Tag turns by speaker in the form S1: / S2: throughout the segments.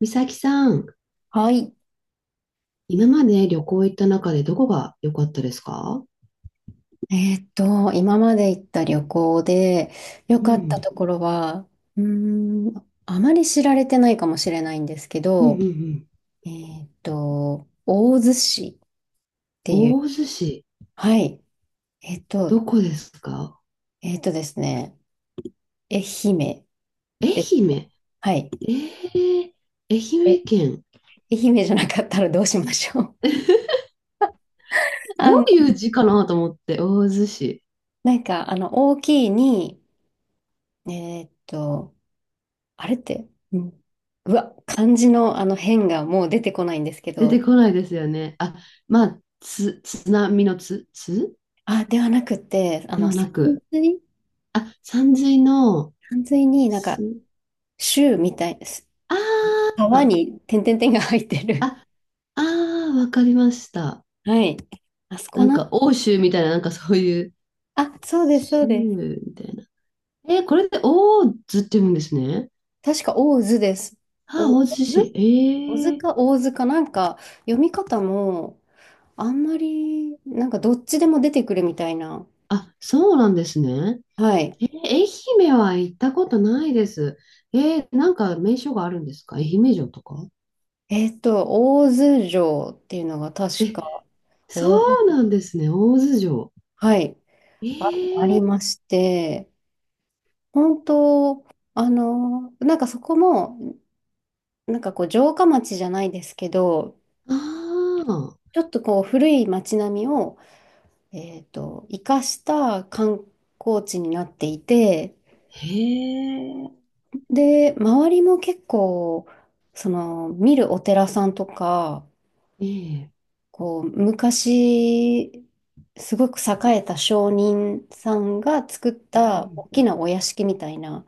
S1: 美咲さん、
S2: はい。
S1: 今まで旅行行った中でどこが良かったですか？
S2: 今まで行った旅行で良
S1: う
S2: かった
S1: ん、
S2: ところは、うーあまり知られてないかもしれないんですけ
S1: うん、うん、
S2: ど、
S1: うん。
S2: 大洲市っていう、
S1: 大洲市、
S2: はい。えーっと、
S1: どこですか？
S2: ですね、愛媛
S1: 愛
S2: ですね。
S1: 媛。
S2: はい。
S1: えー、愛
S2: え、
S1: 媛県。
S2: 愛媛じゃなかったらどうしましょう。あ
S1: どう
S2: の、
S1: いう字かなと思って、大洲市。
S2: 大きいに、えーっと、あれって、うわ、漢字のあの変がもう出てこないんですけ
S1: 出て
S2: ど、
S1: こないですよね。あ、まあ、津波のつ
S2: あ、ではなくて、あ
S1: で
S2: の、
S1: は
S2: さ
S1: な
S2: ん
S1: く、
S2: ずい、
S1: あ、山水の、
S2: さんずいになん
S1: す、
S2: か、州みたいです。
S1: あ
S2: 川
S1: ー、
S2: に点々点が入ってる。
S1: あ、あー、わかりました。
S2: はい。あそこ
S1: なん
S2: な、
S1: か、欧州みたいな、なんかそういう、
S2: あ、そうです、そ
S1: シ
S2: うです。
S1: ムみたいな。えー、これでオーズって言うんですね。
S2: 確か、大津です。
S1: あ、
S2: お、
S1: 大
S2: 大
S1: 津市。
S2: 津大津
S1: え
S2: か
S1: え。
S2: 大津か、なんか、読み方も、あんまり、なんか、どっちでも出てくるみたいな。
S1: あ、そうなんですね。
S2: はい。
S1: えー、愛媛は行ったことないです。えー、なんか名所があるんですか？愛媛城とか。
S2: えっと、大津城っていうのが確
S1: え、
S2: か、
S1: そ
S2: 大
S1: う
S2: 津、
S1: なんですね。大津城。
S2: はい、あ、あ
S1: ええ。
S2: りまして、本当、あの、なんかそこも、なんかこう城下町じゃないですけど、
S1: ああ、
S2: ちょっとこう古い町並みを、えっと、生かした観光地になっていて、
S1: へえ、
S2: で、周りも結構、その、見るお寺さんとか、
S1: ええ、
S2: こう、昔、すごく栄えた商人さんが作っ
S1: う
S2: た大き
S1: ん、
S2: なお屋敷みたいな、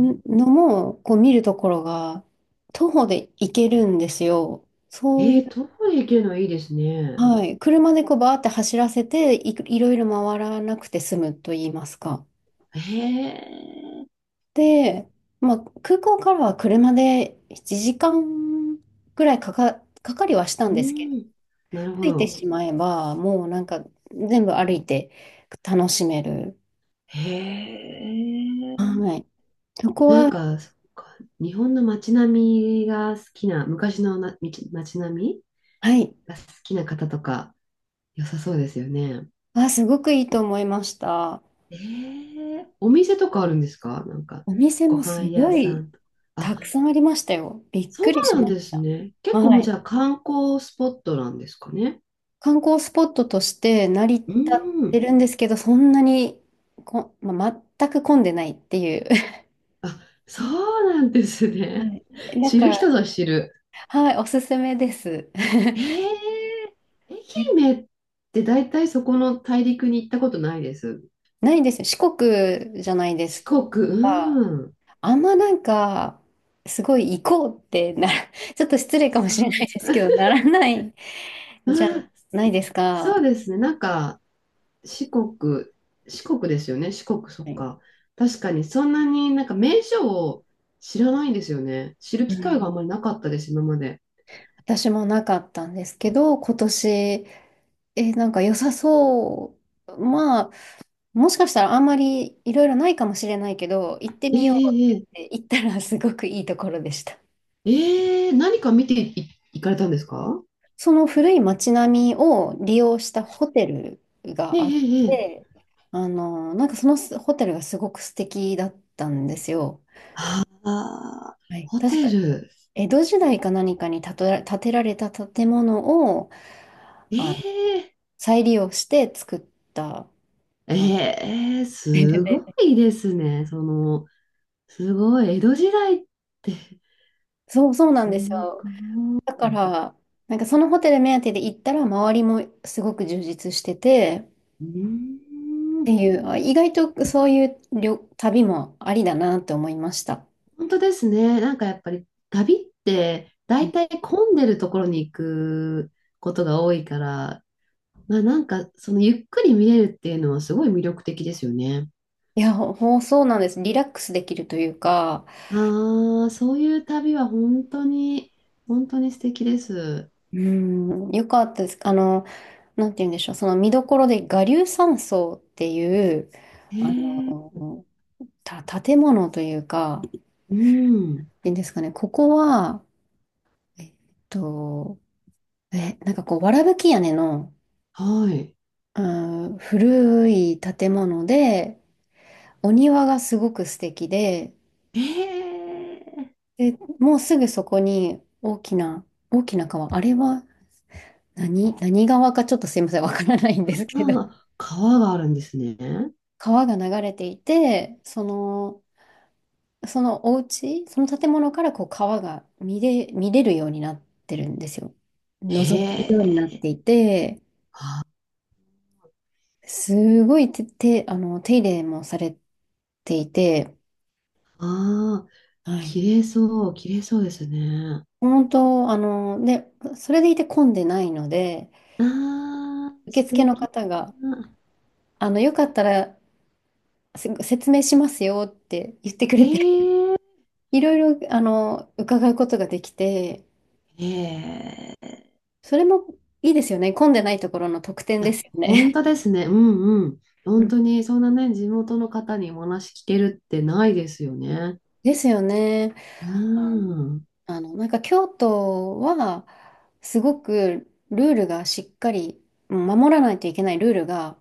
S2: んのも、こう見るところが、徒歩で行けるんですよ。そうい
S1: え
S2: う、
S1: え、遠い行けるのいいですね。
S2: はい。車でこうバーって走らせて、いろいろ回らなくて済むと言いますか。
S1: へえ、
S2: で、まあ、空港からは車で1時間ぐらいかかりはしたん
S1: う
S2: ですけど、
S1: ん、なるほ
S2: 着いて
S1: ど。
S2: しまえば、もうなんか全部歩いて楽しめる。
S1: へえ。
S2: はい。そこ
S1: なん
S2: は、
S1: か、そっか、日本の街並みが好きな、昔の街並み
S2: はい。
S1: が好きな方とか、良さそうですよね。
S2: あ、すごくいいと思いました。
S1: ええ。お店とかあるんですか？なんか、
S2: お店
S1: ご
S2: もす
S1: 飯屋
S2: ご
S1: さ
S2: い
S1: んとか。あ、
S2: たくさんありましたよ。びっ
S1: そ
S2: く
S1: う
S2: りし
S1: なん
S2: まし
S1: です
S2: た。
S1: ね。結構
S2: は
S1: もう
S2: い。
S1: じゃあ観光スポットなんですかね。
S2: 観光スポットとして成り立
S1: う
S2: っ
S1: ー
S2: て
S1: ん。
S2: るんですけど、そんなにまあ、全く混んでないっていう。
S1: あ、そうなんです
S2: は
S1: ね。
S2: い。だ
S1: 知
S2: か
S1: る
S2: ら、
S1: 人ぞ知る。
S2: はい、おすすめです。
S1: えー、愛
S2: え
S1: 媛って大体そこの大陸に行ったことないです。
S2: ないですよ。四国じゃないで
S1: 四
S2: す
S1: 国、
S2: か。
S1: うん。
S2: あんまなんか、すごい行こうってな、ちょっと失礼かも
S1: そ
S2: しれないです
S1: う。
S2: けど、ならない
S1: あ
S2: じゃ
S1: ー、
S2: ないですか。
S1: そうですね。なんか、四国、四国ですよね。四国、そ
S2: は
S1: っ
S2: い。
S1: か。確かに、そんなになんか名所を知らないんですよね。知る
S2: う
S1: 機会が
S2: ん。
S1: あんまりなかったです、今まで。
S2: 私もなかったんですけど、今年、なんか良さそう。まあ、もしかしたらあんまりいろいろないかもしれないけど、行って
S1: え
S2: みようって
S1: え、え
S2: 言って行ったらすごくいいところでした。
S1: え、ええ、何か見てい、行かれたんですか？
S2: その古い街並みを利用したホテル
S1: ええ、
S2: が
S1: え
S2: あっ
S1: え、ええ、
S2: て、あの、なんかそのホテルがすごく素敵だったんですよ。
S1: ああ、
S2: はい、
S1: ホ
S2: 確
S1: テ
S2: か
S1: ル。
S2: 江戸時代か何かに建てられた建物を
S1: え
S2: あ
S1: え、
S2: 再利用して作った。
S1: ええ、
S2: で
S1: すご
S2: で
S1: いですね。その、すごい。江戸時代って、
S2: そうそうなんですよ。
S1: す
S2: だか
S1: ごい。
S2: ら、なんかそのホテル目当てで行ったら、周りもすごく充実してて、っ
S1: うーん、
S2: ていう、あ意外とそういう旅もありだなって思いました。
S1: 本当ですね。なんかやっぱり旅って
S2: う
S1: 大
S2: ん。
S1: 体混んでるところに行くことが多いから、まあなんかそのゆっくり見れるっていうのはすごい魅力的ですよね。
S2: いや、そうなんです。リラックスできるというか、
S1: ああ、そういう旅は本当に、本当に素敵です。
S2: うん、よかったです。あの、なんて言うんでしょう、その見どころで我流山荘っていう、あ
S1: ええ、
S2: の、建物というか、
S1: うん、
S2: いいんですかね、ここは、えっと、なんかこう、わらぶき屋根の、
S1: はい。
S2: うーん、古い建物で、お庭がすごく素敵で、
S1: ええ、
S2: で、もうすぐそこに大きな川、あれは何川かちょっとすいません、わからないんですけど、
S1: ああ、川があるんですね。
S2: 川が流れていて、その、そのお家、その建物からこう川が見れるようになってるんですよ。覗ける
S1: へ
S2: ようになっ
S1: え。
S2: ていて、
S1: あ
S2: すごいて、て、あの、手入れもされていて、
S1: あ、
S2: はい。
S1: 綺麗そう、綺麗そうですね。
S2: 本当、あの、で、それでいて混んでないので、
S1: ああ、
S2: 受
S1: 素
S2: 付の
S1: 敵
S2: 方が、
S1: な。
S2: あの、よかったら説明しますよって言ってく
S1: え
S2: れて、
S1: え、
S2: いろいろ、あの、伺うことができて、
S1: ええ。
S2: それもいいですよね。混んでないところの特典
S1: いや、
S2: ですよ
S1: 本
S2: ね。
S1: 当ですね。うん、うん。
S2: う
S1: 本
S2: ん
S1: 当に、そんなね、地元の方にお話聞けるってないですよね。
S2: ですよね。
S1: う
S2: あ
S1: ん。
S2: あの、なんか京都は、すごくルールがしっかり、うん守らないといけないルールが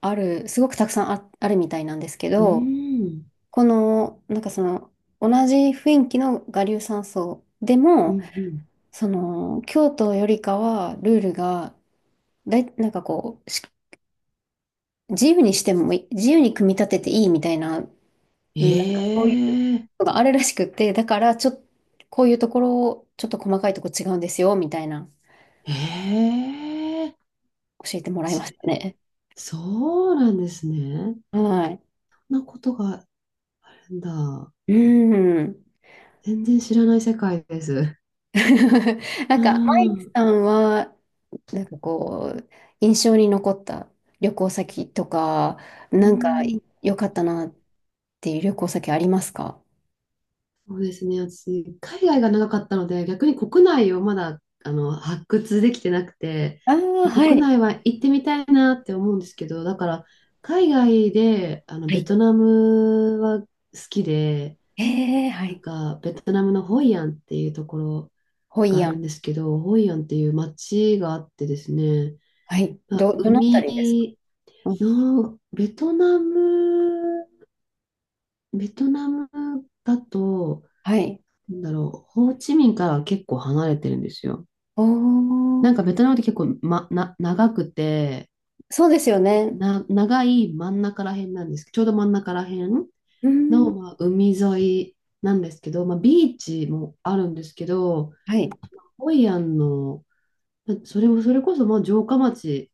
S2: ある、すごくたくさんあ、あるみたいなんですけ
S1: う
S2: ど、
S1: ん。
S2: この、なんかその、同じ雰囲気の我流山荘で
S1: う
S2: も、
S1: ん、うん。
S2: その、京都よりかは、ルールが、だい、なんかこう、自由にしてもいい、自由に組み立てていいみたいな、
S1: え
S2: うんなんかそういう
S1: え、
S2: のがあるらしくって、だから、ちょっと、こういうところを、ちょっと細かいとこ違うんですよ、みたいな、
S1: ええ。
S2: 教えてもらいました
S1: ち
S2: ね。
S1: そうなんですね。
S2: はい。
S1: そんなことがなんだ。
S2: うん。
S1: 全然知らない世界です。
S2: なん
S1: う
S2: か、マイク
S1: ん。
S2: さんは、なんかこう、印象に残った旅行先とか、
S1: う
S2: なんか
S1: ん。
S2: 良かったなっていう旅行先ありますか？
S1: そうですね。私、海外が長かったので、逆に国内をまだ、あの、発掘できてなくて、
S2: ああー、は
S1: 国
S2: い。
S1: 内は行ってみたいなって思うんですけど、だから、海外で、あの、
S2: は
S1: ベ
S2: い。
S1: トナムは好きで、
S2: ええ、は
S1: なん
S2: い。
S1: か、ベトナムのホイアンっていうところ
S2: ホ
S1: が
S2: イ
S1: あ
S2: ア
S1: る
S2: ン。
S1: んですけど、ホイアンっていう街があってですね、
S2: はい。
S1: まあ、
S2: どのあたりですか？
S1: 海
S2: うん。
S1: の、ベトナムだと、
S2: はい。
S1: なんだろう、ホーチミンからは結構離れてるんですよ。
S2: おー、
S1: なんかベトナムって結構、長くて、
S2: そうですよね。
S1: 長い真ん中ら辺なんですけど、ちょうど真ん中ら辺
S2: う
S1: の、
S2: ん。
S1: まあ、海沿いなんですけど、まあ、ビーチもあるんですけど、
S2: はい。
S1: ホイアンの、それも、それこそもう城下町、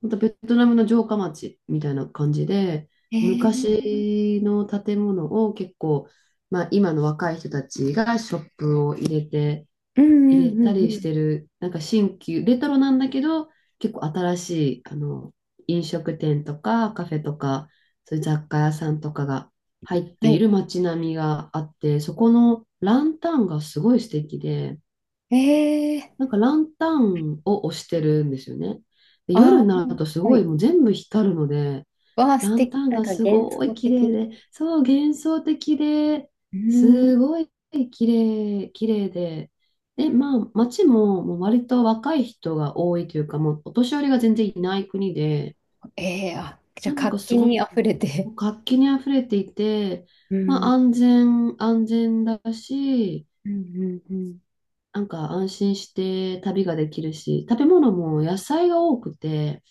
S1: またベトナムの城下町みたいな感じで、
S2: ええ。
S1: 昔の建物を結構、まあ、今の若い人たちがショップを入れて、
S2: うん
S1: 入
S2: うん
S1: れ
S2: う
S1: た
S2: ん
S1: り
S2: う
S1: し
S2: ん。
S1: てる、なんか新旧、レトロなんだけど、結構新しい、あの、飲食店とかカフェとか、そういう雑貨屋さんとかが入って
S2: は
S1: い
S2: い。
S1: る街並みがあって、そこのランタンがすごい素敵で、
S2: ええ。
S1: なんかランタンを押してるんですよね。で、夜
S2: あ
S1: に
S2: あ
S1: なる
S2: ー、
S1: とす
S2: は
S1: ごい
S2: い。
S1: もう全部光るので、
S2: わあ素
S1: ラン
S2: 敵。
S1: タン
S2: なん
S1: が
S2: か
S1: す
S2: 幻
S1: ご
S2: 想
S1: い綺
S2: 的
S1: 麗
S2: な。
S1: で、そう、幻想的で、
S2: うん。
S1: すごい綺綺麗で、で、まあ、街ももう割と若い人が多いというか、もうお年寄りが全然いない国で、
S2: ええ、あ、じゃあ
S1: なんだか
S2: 活
S1: す
S2: 気
S1: ご
S2: に
S1: く
S2: 溢れて。
S1: 活気にあふれていて、
S2: う
S1: まあ、
S2: ん。
S1: 安全、安全だし、
S2: うんうんうん。
S1: なんか安心して旅ができるし、食べ物も野菜が多くて、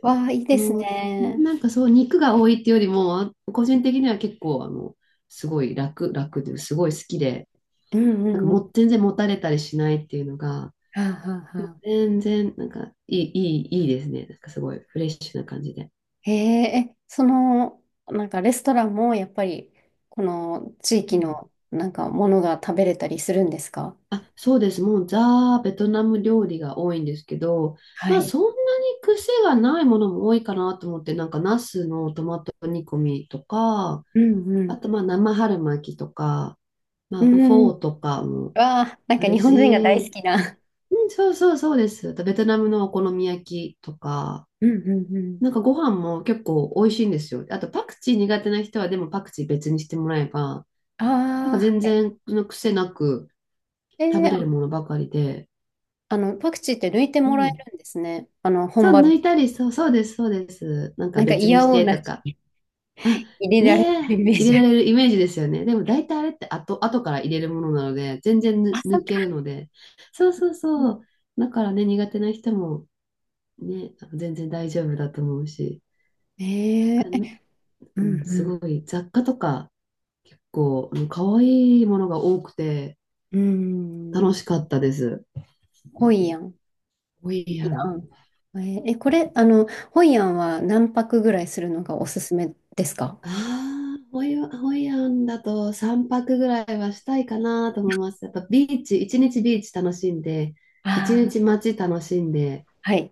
S2: わあ、いい
S1: あ
S2: です
S1: の、
S2: ね。
S1: なんかそう、肉が多いっていうよりも、個人的には結構、あの、すごい楽で、すごい好きで、
S2: うんう
S1: なん
S2: ん
S1: か
S2: うん。
S1: もう全然もたれたりしないっていうのが、
S2: はあはあ
S1: も
S2: は
S1: う
S2: あ。
S1: 全然、なんかいい、いい、いいですね。なんかすごいフレッシュな感じで。
S2: へえ、その、なんかレストランもやっぱり、この地
S1: う
S2: 域
S1: ん、
S2: のなんかものが食べれたりするんですか？
S1: あ、そうです。もうザ・ベトナム料理が多いんですけど、
S2: は
S1: まあ
S2: い。
S1: そんなに癖がないものも多いかなと思って、なんかナスのトマト煮込みとか、
S2: うんう
S1: あ
S2: ん。
S1: と、まあ、生春巻きとか、ま
S2: う
S1: あ、
S2: ん。
S1: フ
S2: わ
S1: ォーとかも
S2: あ、なん
S1: あ
S2: か
S1: る
S2: 日本人が大好
S1: し、
S2: きな。
S1: うん、そうそうそうです。あとベトナムのお好み焼きとか、
S2: うんうんうん。
S1: なんかご飯も結構美味しいんですよ。あと、パクチー苦手な人は、でもパクチー別にしてもらえば、
S2: あ
S1: なんか
S2: あ、
S1: 全
S2: はい。
S1: 然の癖なく
S2: え
S1: 食べ
S2: ー、
S1: れる
S2: あ
S1: ものばかりで、
S2: あの、パクチーって抜いて
S1: う
S2: もらえ
S1: ん。
S2: るんですね。あの、
S1: そ
S2: 本
S1: う、
S2: 場で。
S1: 抜いたり、そう、そうです、そうです。なんか
S2: なんか
S1: 別に
S2: 嫌
S1: し
S2: おう
S1: て
S2: な
S1: とか、
S2: 入れられて
S1: ねえ、
S2: るイメージ
S1: 入れ
S2: あ
S1: ら
S2: る。
S1: れるイメージですよね。でも大体あれって後、後から入れるものなので、全然
S2: あ、そっ
S1: 抜
S2: か。
S1: けるので。そう、そう、そう。だからね、苦手な人もね、あの全然大丈夫だと思うし。
S2: え
S1: なんか、
S2: ー、えう
S1: う
S2: ん
S1: ん、す
S2: うん。
S1: ごい雑貨とか結構、うん、可愛いものが多くて
S2: うー
S1: 楽
S2: ん。
S1: しかったです。
S2: ホイアン。
S1: ホイ
S2: い
S1: ア
S2: や
S1: ン。
S2: ん。えーえこれ、あの、ホイアンは何泊ぐらいするのがおすすめですか？
S1: ああ、ホイアン、ホイアンだと3泊ぐらいはしたいかなと思います。やっぱビーチ、一日ビーチ楽しんで、一
S2: ああ
S1: 日
S2: ー、
S1: 街楽しんで、
S2: はい。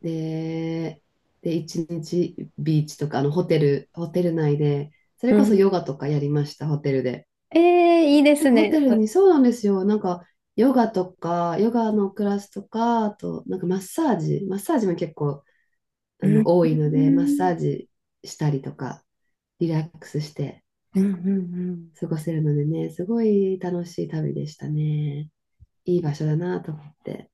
S1: で、で、一日ビーチとか、あの、ホテル、ホテル内で、それ
S2: う
S1: こそ
S2: ん。
S1: ヨガとかやりました、ホテルで。
S2: えー、いいで
S1: なん
S2: す
S1: かホ
S2: ね。
S1: テルに、そうなんですよ。なんか、ヨガとか、ヨガのクラスとか、あと、なんかマッサージも結構、
S2: う
S1: あ
S2: ん。
S1: の、多い
S2: う
S1: ので、マッサ
S2: ん。
S1: ージしたりとか、リラックスして
S2: うん。うん。うん
S1: 過ごせるのでね、すごい楽しい旅でしたね。いい場所だなと思って。